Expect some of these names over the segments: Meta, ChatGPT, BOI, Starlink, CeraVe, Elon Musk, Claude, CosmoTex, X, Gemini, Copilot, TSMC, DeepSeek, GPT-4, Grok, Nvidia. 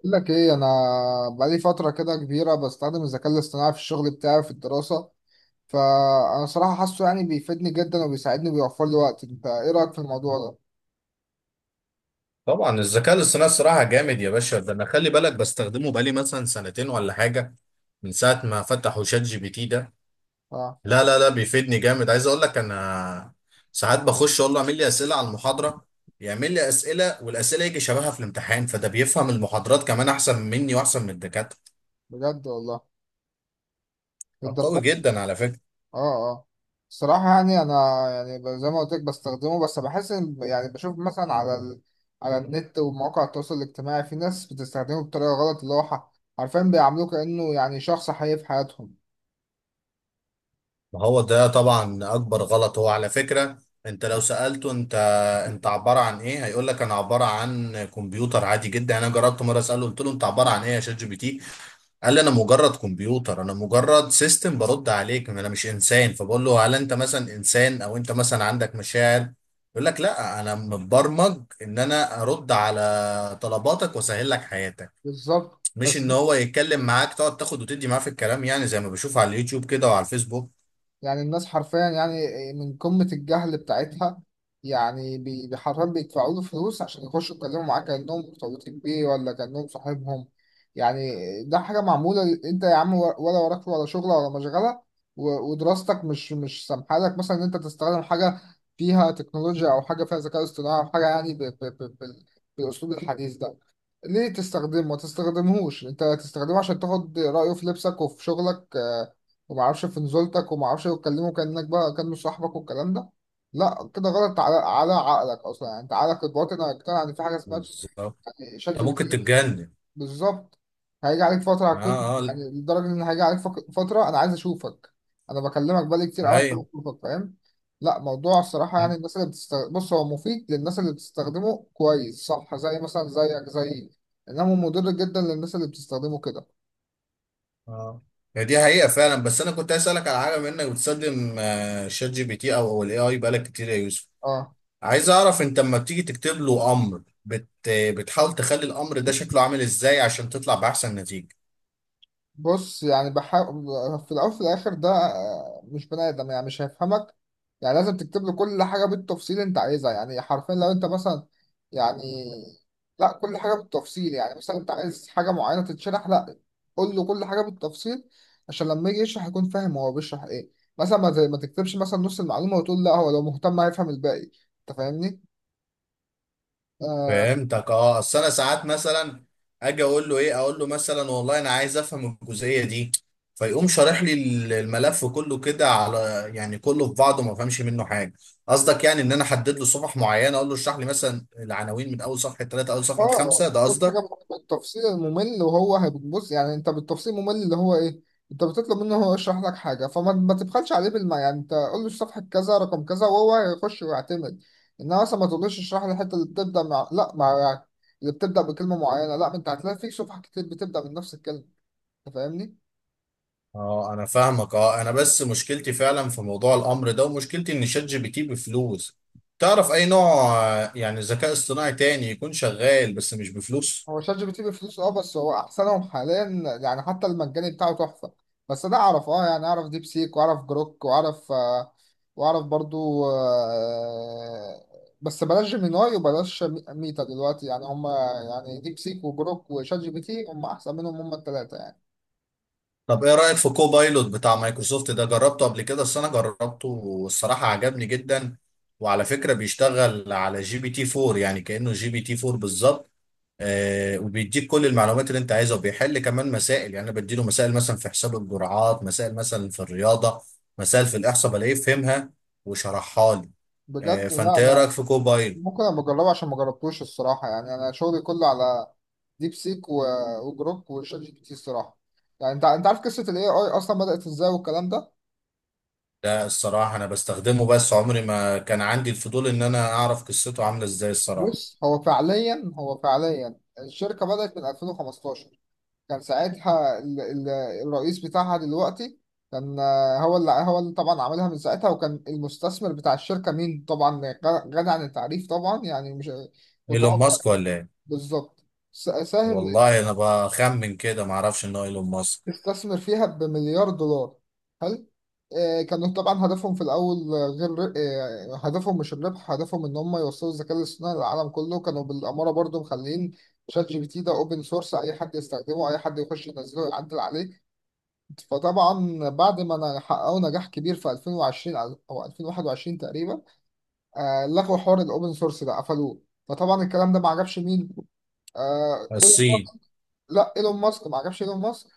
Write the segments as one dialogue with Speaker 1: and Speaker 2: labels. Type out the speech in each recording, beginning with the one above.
Speaker 1: بقول لك ايه، انا بقالي فتره كده كبيره بستخدم الذكاء الاصطناعي في الشغل بتاعي، في الدراسه. فانا صراحه حاسه يعني بيفيدني جدا، وبيساعدني، وبيوفر لي وقت. انت ايه رايك في الموضوع ده؟
Speaker 2: طبعا الذكاء الاصطناعي الصراحه جامد يا باشا، ده انا خلي بالك بستخدمه بقالي مثلا سنتين ولا حاجه من ساعه ما فتحوا شات جي بي تي ده.
Speaker 1: اه،
Speaker 2: لا لا لا، بيفيدني جامد، عايز اقول لك انا ساعات بخش اقول له اعمل لي اسئله على المحاضره. يعمل لي اسئله، والاسئله يجي شبهها في الامتحان، فده بيفهم المحاضرات كمان احسن مني واحسن من الدكاتره.
Speaker 1: بجد والله؟ للدرجه
Speaker 2: قوي
Speaker 1: دي؟
Speaker 2: جدا على فكره.
Speaker 1: اه، اه. الصراحه يعني انا، يعني زي ما قلت لك بستخدمه، بس بحس ان يعني بشوف مثلا على النت ومواقع التواصل الاجتماعي، في ناس بتستخدمه بطريقه غلط، اللي هو حرفيا بيعاملوه كانه يعني شخص حقيقي في حياتهم.
Speaker 2: ما هو ده طبعا اكبر غلط هو على فكرة. انت لو سألته انت، انت عبارة عن ايه؟ هيقول لك انا عبارة عن كمبيوتر عادي جدا. انا جربت مرة اسأله، قلت له انت عبارة عن ايه يا شات جي بي تي؟ قال لي انا مجرد كمبيوتر، انا مجرد سيستم برد عليك، انا مش انسان. فبقول له هل انت مثلا انسان، او انت مثلا عندك مشاعر؟ يقول لك لا، انا متبرمج ان انا ارد على طلباتك واسهل لك حياتك.
Speaker 1: بالظبط.
Speaker 2: مش
Speaker 1: بس
Speaker 2: ان هو يتكلم معاك تقعد تاخد وتدي معاه في الكلام، يعني زي ما بشوف على اليوتيوب كده وعلى الفيسبوك.
Speaker 1: يعني الناس حرفيا، يعني، من قمة الجهل بتاعتها، يعني حرفيا بيدفعوا له فلوس عشان يخشوا يتكلموا معاه كأنهم مرتبطين بيه، ولا كأنهم صاحبهم، يعني. ده حاجة معمولة انت يا عم ولا وراك ولا شغل ولا مشغلة، ودراستك مش سامحة لك مثلا ان انت تستخدم حاجة فيها تكنولوجيا او حاجة فيها ذكاء اصطناعي، او حاجة يعني بالاسلوب الحديث ده. ليه تستخدمه ما تستخدمهوش؟ انت تستخدمه عشان تاخد رأيه في لبسك وفي شغلك، وما اعرفش في نزولتك، وما اعرفش تكلمه كأنك بقى كأنه صاحبك والكلام ده. لا، كده غلط على عقلك اصلا، يعني انت عقلك الباطن هيقتنع ان في حاجه اسمها
Speaker 2: بالظبط.
Speaker 1: يعني شات
Speaker 2: انت
Speaker 1: جي بي
Speaker 2: ممكن
Speaker 1: تي.
Speaker 2: تتجنن.
Speaker 1: بالظبط. هيجي عليك فترة،
Speaker 2: اه
Speaker 1: هتكون
Speaker 2: اه.
Speaker 1: يعني لدرجة إن هيجي عليك فترة أنا عايز أشوفك. أنا بكلمك بقالي كتير أوي، أنا
Speaker 2: ايوه.
Speaker 1: عايز أشوفك، فاهم؟ لا، موضوع الصراحة يعني الناس اللي بتستخدم، بص، هو مفيد للناس اللي بتستخدمه كويس، صح؟ زي مثلا زيك زي، إنما مضر جدا للناس اللي بتستخدمه كده.
Speaker 2: اه، هي دي حقيقة فعلا. بس انا كنت عايز اسالك على حاجة، بما انك بتستخدم شات جي بي تي او الاي اي بقالك كتير يا يوسف.
Speaker 1: أه.
Speaker 2: عايز اعرف انت لما بتيجي تكتب له امر بتحاول تخلي الامر ده شكله عامل ازاي عشان تطلع باحسن نتيجة.
Speaker 1: بص، يعني بحاول. في الأول وفي الآخر ده مش بني آدم، يعني مش هيفهمك. يعني لازم تكتب له كل حاجة بالتفصيل أنت عايزها، يعني حرفيا لو أنت مثلا، يعني، لا، كل حاجة بالتفصيل، يعني مثلا أنت عايز حاجة معينة تتشرح، لا، قول له كل حاجة بالتفصيل عشان لما يجي يشرح يكون فاهم هو بيشرح إيه. مثلا ما تكتبش مثلا نص المعلومة، وتقول لا هو لو مهتم هيفهم الباقي. أنت فاهمني؟ آه،
Speaker 2: فهمتك اه. اصل انا ساعات مثلا اجي اقول له ايه، اقول له مثلا والله انا عايز افهم الجزئيه دي، فيقوم شارح لي الملف كله كده على، يعني كله في بعضه، ما فهمش منه حاجه. قصدك يعني ان انا احدد له صفح معينه، اقول له اشرح لي مثلا العناوين من اول صفحه ثلاثه، اول صفحه
Speaker 1: اه،
Speaker 2: خمسه، ده
Speaker 1: كل
Speaker 2: قصدك؟
Speaker 1: حاجه بالتفصيل الممل، وهو هيبص، يعني انت بالتفصيل الممل اللي هو ايه؟ انت بتطلب منه هو يشرح لك حاجه، فما ما تبخلش عليه بالما، يعني انت قول له صفحه كذا رقم كذا، وهو هيخش ويعتمد. انما مثلا ما تقولوش اشرح لي الحته اللي بتبدا مع لا مع، يعني اللي بتبدا بكلمه معينه، لا، ما انت هتلاقي في صفحه كتير بتبدا من نفس الكلمه. انت فاهمني؟
Speaker 2: اه انا فاهمك. اه، انا بس مشكلتي فعلا في موضوع الامر ده، ومشكلتي ان شات جي بي تي بفلوس. تعرف اي نوع يعني ذكاء اصطناعي تاني يكون شغال بس مش بفلوس؟
Speaker 1: هو شات جي بي تي بفلوس اه، بس هو احسنهم حاليا، يعني حتى المجاني بتاعه تحفه. بس ده اعرف، اه يعني اعرف ديب سيك، واعرف جروك، واعرف واعرف برضو بس بلاش جيميناي، وبلاش ميتا دلوقتي، يعني هم، يعني ديب سيك وجروك وشات جي بي تي هم احسن منهم، هم الثلاثه يعني.
Speaker 2: طب ايه رأيك في كوبايلوت بتاع مايكروسوفت ده؟ جربته قبل كده؟ بس انا جربته والصراحة عجبني جدا، وعلى فكرة بيشتغل على جي بي تي 4، يعني كأنه جي بي تي 4 بالظبط. آه، وبيديك كل المعلومات اللي انت عايزها، وبيحل كمان مسائل. يعني انا بديله مسائل مثلا في حساب الجرعات، مسائل مثلا في الرياضة، مسائل في الإحصاء، بلاقيه فهمها وشرحها لي. آه،
Speaker 1: بجد؟
Speaker 2: فانت
Speaker 1: لا
Speaker 2: ايه رأيك
Speaker 1: ده
Speaker 2: في كوبايلوت؟
Speaker 1: ممكن انا بجربه عشان ما جربتوش الصراحه، يعني انا شغلي كله على ديب سيك وجروك وشات جي بي تي الصراحه. يعني انت عارف قصه الاي اي اصلا بدات ازاي والكلام ده؟
Speaker 2: ده الصراحة انا بستخدمه، بس عمري ما كان عندي الفضول ان انا اعرف قصته عاملة ازاي الصراحة.
Speaker 1: بص، هو فعليا الشركة بدأت من 2015. كان ساعتها الرئيس بتاعها دلوقتي، كان هو اللي طبعا عملها من ساعتها. وكان المستثمر بتاع الشركة مين طبعا؟ غ- غني عن التعريف طبعا، يعني مش
Speaker 2: ايلون
Speaker 1: متوقع.
Speaker 2: ماسك ولا ايه؟
Speaker 1: بالظبط. ساهم،
Speaker 2: والله انا بخمن كده، ما اعرفش ان هو ايلون ماسك.
Speaker 1: استثمر فيها بمليار دولار. هل آه، كانوا طبعا هدفهم في الأول، غير، هدفهم مش الربح، هدفهم إن هم يوصلوا الذكاء الاصطناعي للعالم كله، كانوا بالأمارة برضو مخلين شات جي بي تي ده أوبن سورس، أي حد يستخدمه، أي حد يخش ينزله يعدل عليه. فطبعا بعد ما حققوا نجاح كبير في 2020 أو 2021 تقريبا، لغوا حوار الأوبن سورس ده، قفلوه. فطبعا الكلام ده ما عجبش مين؟ آه،
Speaker 2: الصين.
Speaker 1: إيلون- لا، ايلون ماسك، ما عجبش ايلون ماسك،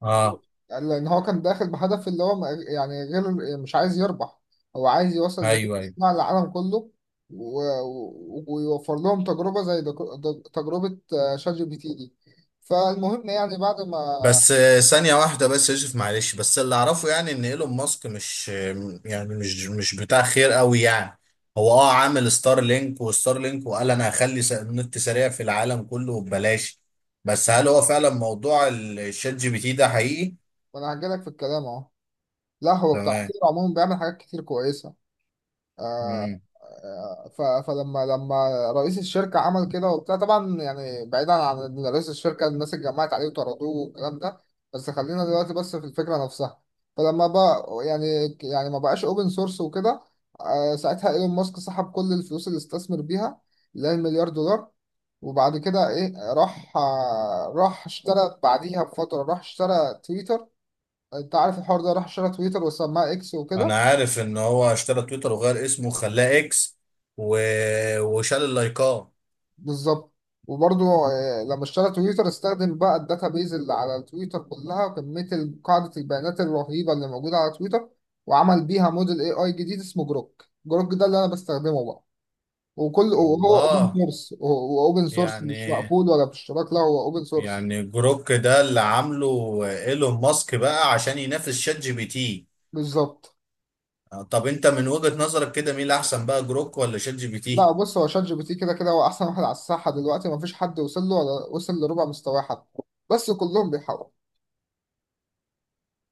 Speaker 2: اه.
Speaker 1: يعني لان هو كان داخل بهدف اللي هو يعني غير، مش عايز يربح، هو عايز يوصل الذكاء
Speaker 2: ايوه ايوه.
Speaker 1: الاصطناعي للعالم كله، ويوفر لهم تجربة زي تجربة شات جي بي تي دي. فالمهم يعني بعد ما
Speaker 2: بس آه، ثانية واحدة بس يا يوسف معلش. بس اللي اعرفه يعني ان ايلون ماسك مش آه، يعني مش مش بتاع خير قوي يعني. هو اه عامل ستار لينك، وستار لينك وقال انا هخلي النت سريع في العالم كله ببلاش. بس هل هو فعلا موضوع الشات جي بي تي ده حقيقي؟
Speaker 1: ما انا هجيلك في الكلام اهو. لا، هو بتاع
Speaker 2: تمام.
Speaker 1: كتير، عموما بيعمل حاجات كتير كويسة. آه،
Speaker 2: مم.
Speaker 1: آه، ف- فلما لما رئيس الشركة عمل كده وبتاع طبعا، يعني بعيدا عن إن رئيس الشركة الناس اتجمعت عليه وطردوه والكلام ده، بس خلينا دلوقتي بس في الفكرة نفسها. فلما بقى يعني ما بقاش اوبن سورس وكده، ساعتها ايلون ماسك سحب كل الفلوس اللي استثمر بيها، اللي هي المليار دولار. وبعد كده ايه، راح اشترى بعديها بفترة، راح اشترى تويتر. انت عارف الحوار ده، راح اشترى تويتر وسماها اكس
Speaker 2: انا
Speaker 1: وكده.
Speaker 2: عارف ان هو اشترى تويتر وغير اسمه وخلاه اكس و... وشال اللايكات.
Speaker 1: بالظبط. وبرضه لما اشترى تويتر، استخدم بقى الداتا بيز اللي على تويتر كلها، وكمية قاعدة البيانات الرهيبة اللي موجودة على تويتر، وعمل بيها موديل اي اي جديد اسمه جروك. جروك ده اللي انا بستخدمه بقى، وهو اوبن
Speaker 2: والله.
Speaker 1: سورس، واوبن سورس مش
Speaker 2: يعني،
Speaker 1: مقفول ولا باشتراك، لا هو اوبن سورس.
Speaker 2: يعني جروك ده اللي عامله ايلون ماسك بقى عشان ينافس شات جي بي تي؟
Speaker 1: بالظبط.
Speaker 2: طب انت من وجهة نظرك كده مين اللي احسن بقى، جروك ولا شات جي بي
Speaker 1: لا
Speaker 2: تي؟
Speaker 1: بص، هو شات جي بي تي كده كده هو احسن واحد على الساحة دلوقتي، مفيش حد وصل له ولا وصل لربع مستواه حتى، بس كلهم بيحاولوا.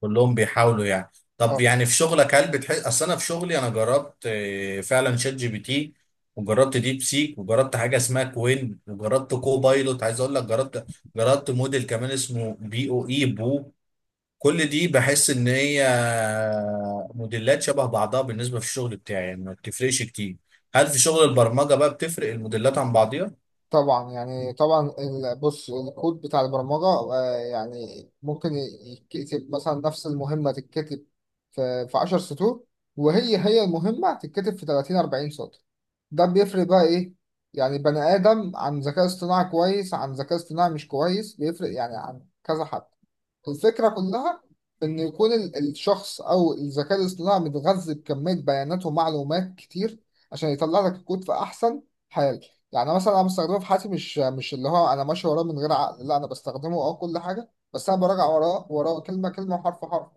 Speaker 2: كلهم بيحاولوا يعني. طب يعني في شغلك هل بتحس؟ اصل انا في شغلي انا جربت آه، فعلا شات جي بي تي، وجربت ديب سيك، وجربت حاجه اسمها كوين، وجربت كوبايلوت. عايز اقول لك جربت، جربت موديل كمان اسمه بي او اي بو. كل دي بحس ان هي موديلات شبه بعضها بالنسبه في الشغل بتاعي، يعني ما بتفرقش كتير. هل في شغل البرمجه بقى بتفرق الموديلات عن بعضيها؟
Speaker 1: طبعا، يعني طبعا بص، الكود بتاع البرمجة، يعني ممكن يتكتب مثلا نفس المهمة، تتكتب في 10 سطور، وهي المهمة تتكتب في 30 40 سطر. ده بيفرق بقى ايه؟ يعني بني آدم عن ذكاء اصطناعي كويس عن ذكاء اصطناعي مش كويس بيفرق، يعني عن كذا حد. الفكرة كلها إن يكون الشخص أو الذكاء الاصطناعي متغذي بكمية بيانات ومعلومات كتير، عشان يطلع لك الكود في أحسن حال. يعني مثلا أنا بستخدمه في حياتي، مش اللي هو أنا ماشي وراه من غير عقل، لا أنا بستخدمه أه كل حاجة، بس أنا براجع وراه وراه كلمة كلمة وحرف حرف،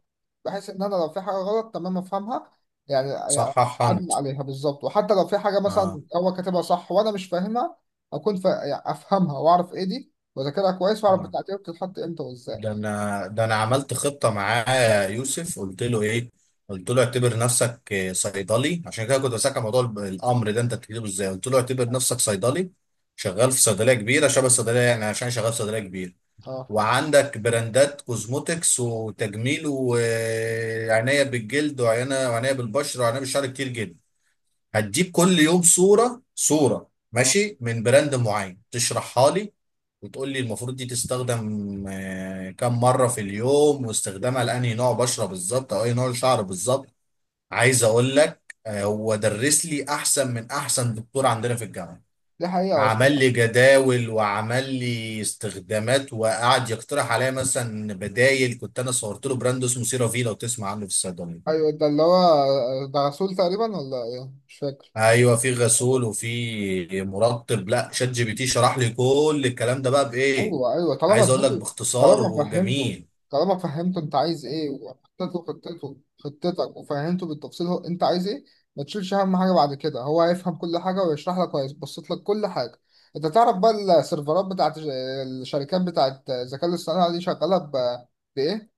Speaker 1: بحيث إن أنا لو في حاجة غلط تمام أفهمها، يعني
Speaker 2: صحح
Speaker 1: أعدل
Speaker 2: انت.
Speaker 1: عليها بالظبط. وحتى لو في حاجة مثلا
Speaker 2: اه
Speaker 1: هو كاتبها صح وأنا مش فاهمها، أكون يعني أفهمها، وأعرف إيه دي، وأذاكرها كويس، وأعرف
Speaker 2: اه.
Speaker 1: بتاعتي بتتحط إمتى وإزاي.
Speaker 2: ده انا، ده انا عملت خطه معاه يا يوسف. قلت له ايه؟ قلت له اعتبر نفسك آه، صيدلي. عشان كده كنت بسألك عن موضوع الامر ده انت بتكتبه ازاي. قلت له اعتبر نفسك صيدلي شغال في صيدليه كبيره شبه الصيدليه يعني، عشان شغال في صيدليه كبيره
Speaker 1: أه،
Speaker 2: وعندك براندات كوزموتكس وتجميل وعناية بالجلد وعناية وعناية بالبشرة وعناية بالشعر كتير جدا. هتجيب كل يوم صورة صورة
Speaker 1: اه،
Speaker 2: ماشي من براند معين تشرحها لي، وتقول لي المفروض دي تستخدم آه، كم مرة في اليوم، واستخدامها لأنهي نوع بشرة بالظبط أو أي نوع شعر بالظبط. عايز أقول لك آه، هو درس لي أحسن من أحسن دكتور عندنا في الجامعة.
Speaker 1: دي حقيقة أصلا.
Speaker 2: عمل لي جداول، وعمل لي استخدامات، وقعد يقترح عليا مثلا بدايل. كنت انا صورت له براند اسمه سيرافي، لو تسمع عنه في الصيدليه.
Speaker 1: أيوة، ده اللي هو ده رسول تقريبا ولا إيه؟ مش فاكر.
Speaker 2: ايوه، في غسول
Speaker 1: أيوة،
Speaker 2: وفي مرطب. لا شات جي بي تي شرح لي كل الكلام ده بقى بايه.
Speaker 1: أيوة، أيوة، طالما
Speaker 2: عايز اقول لك
Speaker 1: اديته.
Speaker 2: باختصار
Speaker 1: طالما فهمته
Speaker 2: وجميل.
Speaker 1: طالما فهمته أنت عايز إيه، وحطيت له خطته خطتك، وفهمته بالتفصيل هو أنت عايز إيه، ما تشيلش. أهم حاجة بعد كده هو هيفهم كل حاجة ويشرح لك وهيبسط لك كل حاجة. أنت تعرف بقى السيرفرات بتاعت الشركات بتاعت الذكاء الاصطناعي دي شغالة بإيه؟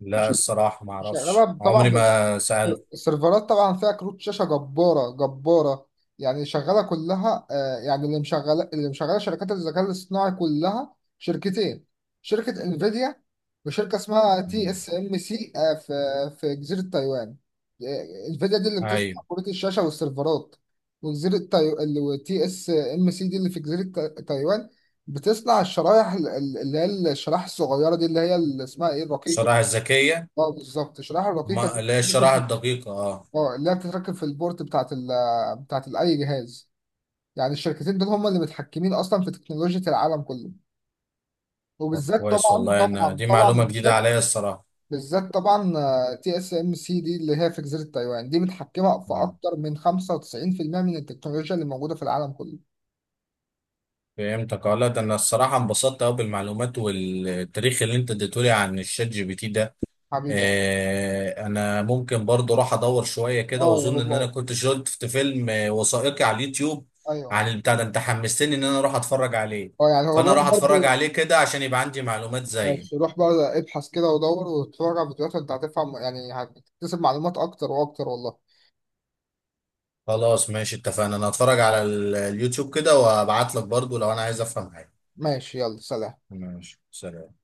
Speaker 2: لا الصراحه ما اعرفش،
Speaker 1: شغالة
Speaker 2: عمري
Speaker 1: طبعا.
Speaker 2: ما سالت.
Speaker 1: السيرفرات طبعا فيها كروت شاشه جباره جباره، يعني شغاله كلها، يعني اللي مشغله شركات الذكاء الاصطناعي كلها شركتين، شركه انفيديا، وشركه اسمها تي
Speaker 2: مم.
Speaker 1: اس ام سي في في جزيره تايوان. انفيديا دي اللي
Speaker 2: ايوه.
Speaker 1: بتصنع كروت الشاشه والسيرفرات، وجزيره تايوان، تي اس ام سي دي اللي في جزيره تايوان، بتصنع الشرايح اللي هي الشرايح الصغيره دي، اللي هي اللي اسمها ايه، الرقيقه.
Speaker 2: الشرائح الذكيه.
Speaker 1: اه بالظبط، الشرايح الرقيقه دي.
Speaker 2: ما لا، الشرائح الدقيقه اه.
Speaker 1: اه، اللي هي بتتركب في البورت بتاعت اي جهاز. يعني الشركتين دول هم اللي متحكمين اصلا في تكنولوجيا العالم كله،
Speaker 2: طب
Speaker 1: وبالذات
Speaker 2: كويس،
Speaker 1: طبعا
Speaker 2: والله انا
Speaker 1: طبعا
Speaker 2: دي
Speaker 1: طبعا،
Speaker 2: معلومه جديده
Speaker 1: بالذات
Speaker 2: عليا الصراحه.
Speaker 1: بالذات طبعا، تي اس ام سي دي اللي هي في جزيره تايوان دي متحكمه في
Speaker 2: آه.
Speaker 1: اكتر من 95% من التكنولوجيا اللي موجوده في العالم كله.
Speaker 2: فهمتك اه. لا ده انا الصراحه انبسطت قوي بالمعلومات والتاريخ اللي انت اديتهولي عن الشات جي بي تي ده.
Speaker 1: حبيبي.
Speaker 2: آه، انا ممكن برضو راح ادور شويه كده،
Speaker 1: اه يا
Speaker 2: واظن ان انا
Speaker 1: بابا.
Speaker 2: كنت شفت فيلم آه، وثائقي على اليوتيوب
Speaker 1: ايوه.
Speaker 2: عن البتاع ده. انت حمستني ان انا اروح اتفرج عليه،
Speaker 1: اه يعني هو،
Speaker 2: فانا راح
Speaker 1: روح
Speaker 2: اتفرج
Speaker 1: برضه.
Speaker 2: عليه كده عشان يبقى عندي معلومات زي.
Speaker 1: ماشي، روح بقى ابحث كده ودور واتفرج على فيديوهات، وانت هتفهم، يعني هتكتسب معلومات اكتر واكتر والله.
Speaker 2: خلاص ماشي اتفقنا، انا هتفرج على اليوتيوب كده، وابعت لك برضو لو انا عايز افهم حاجه.
Speaker 1: ماشي، يلا، سلام.
Speaker 2: ماشي سلام.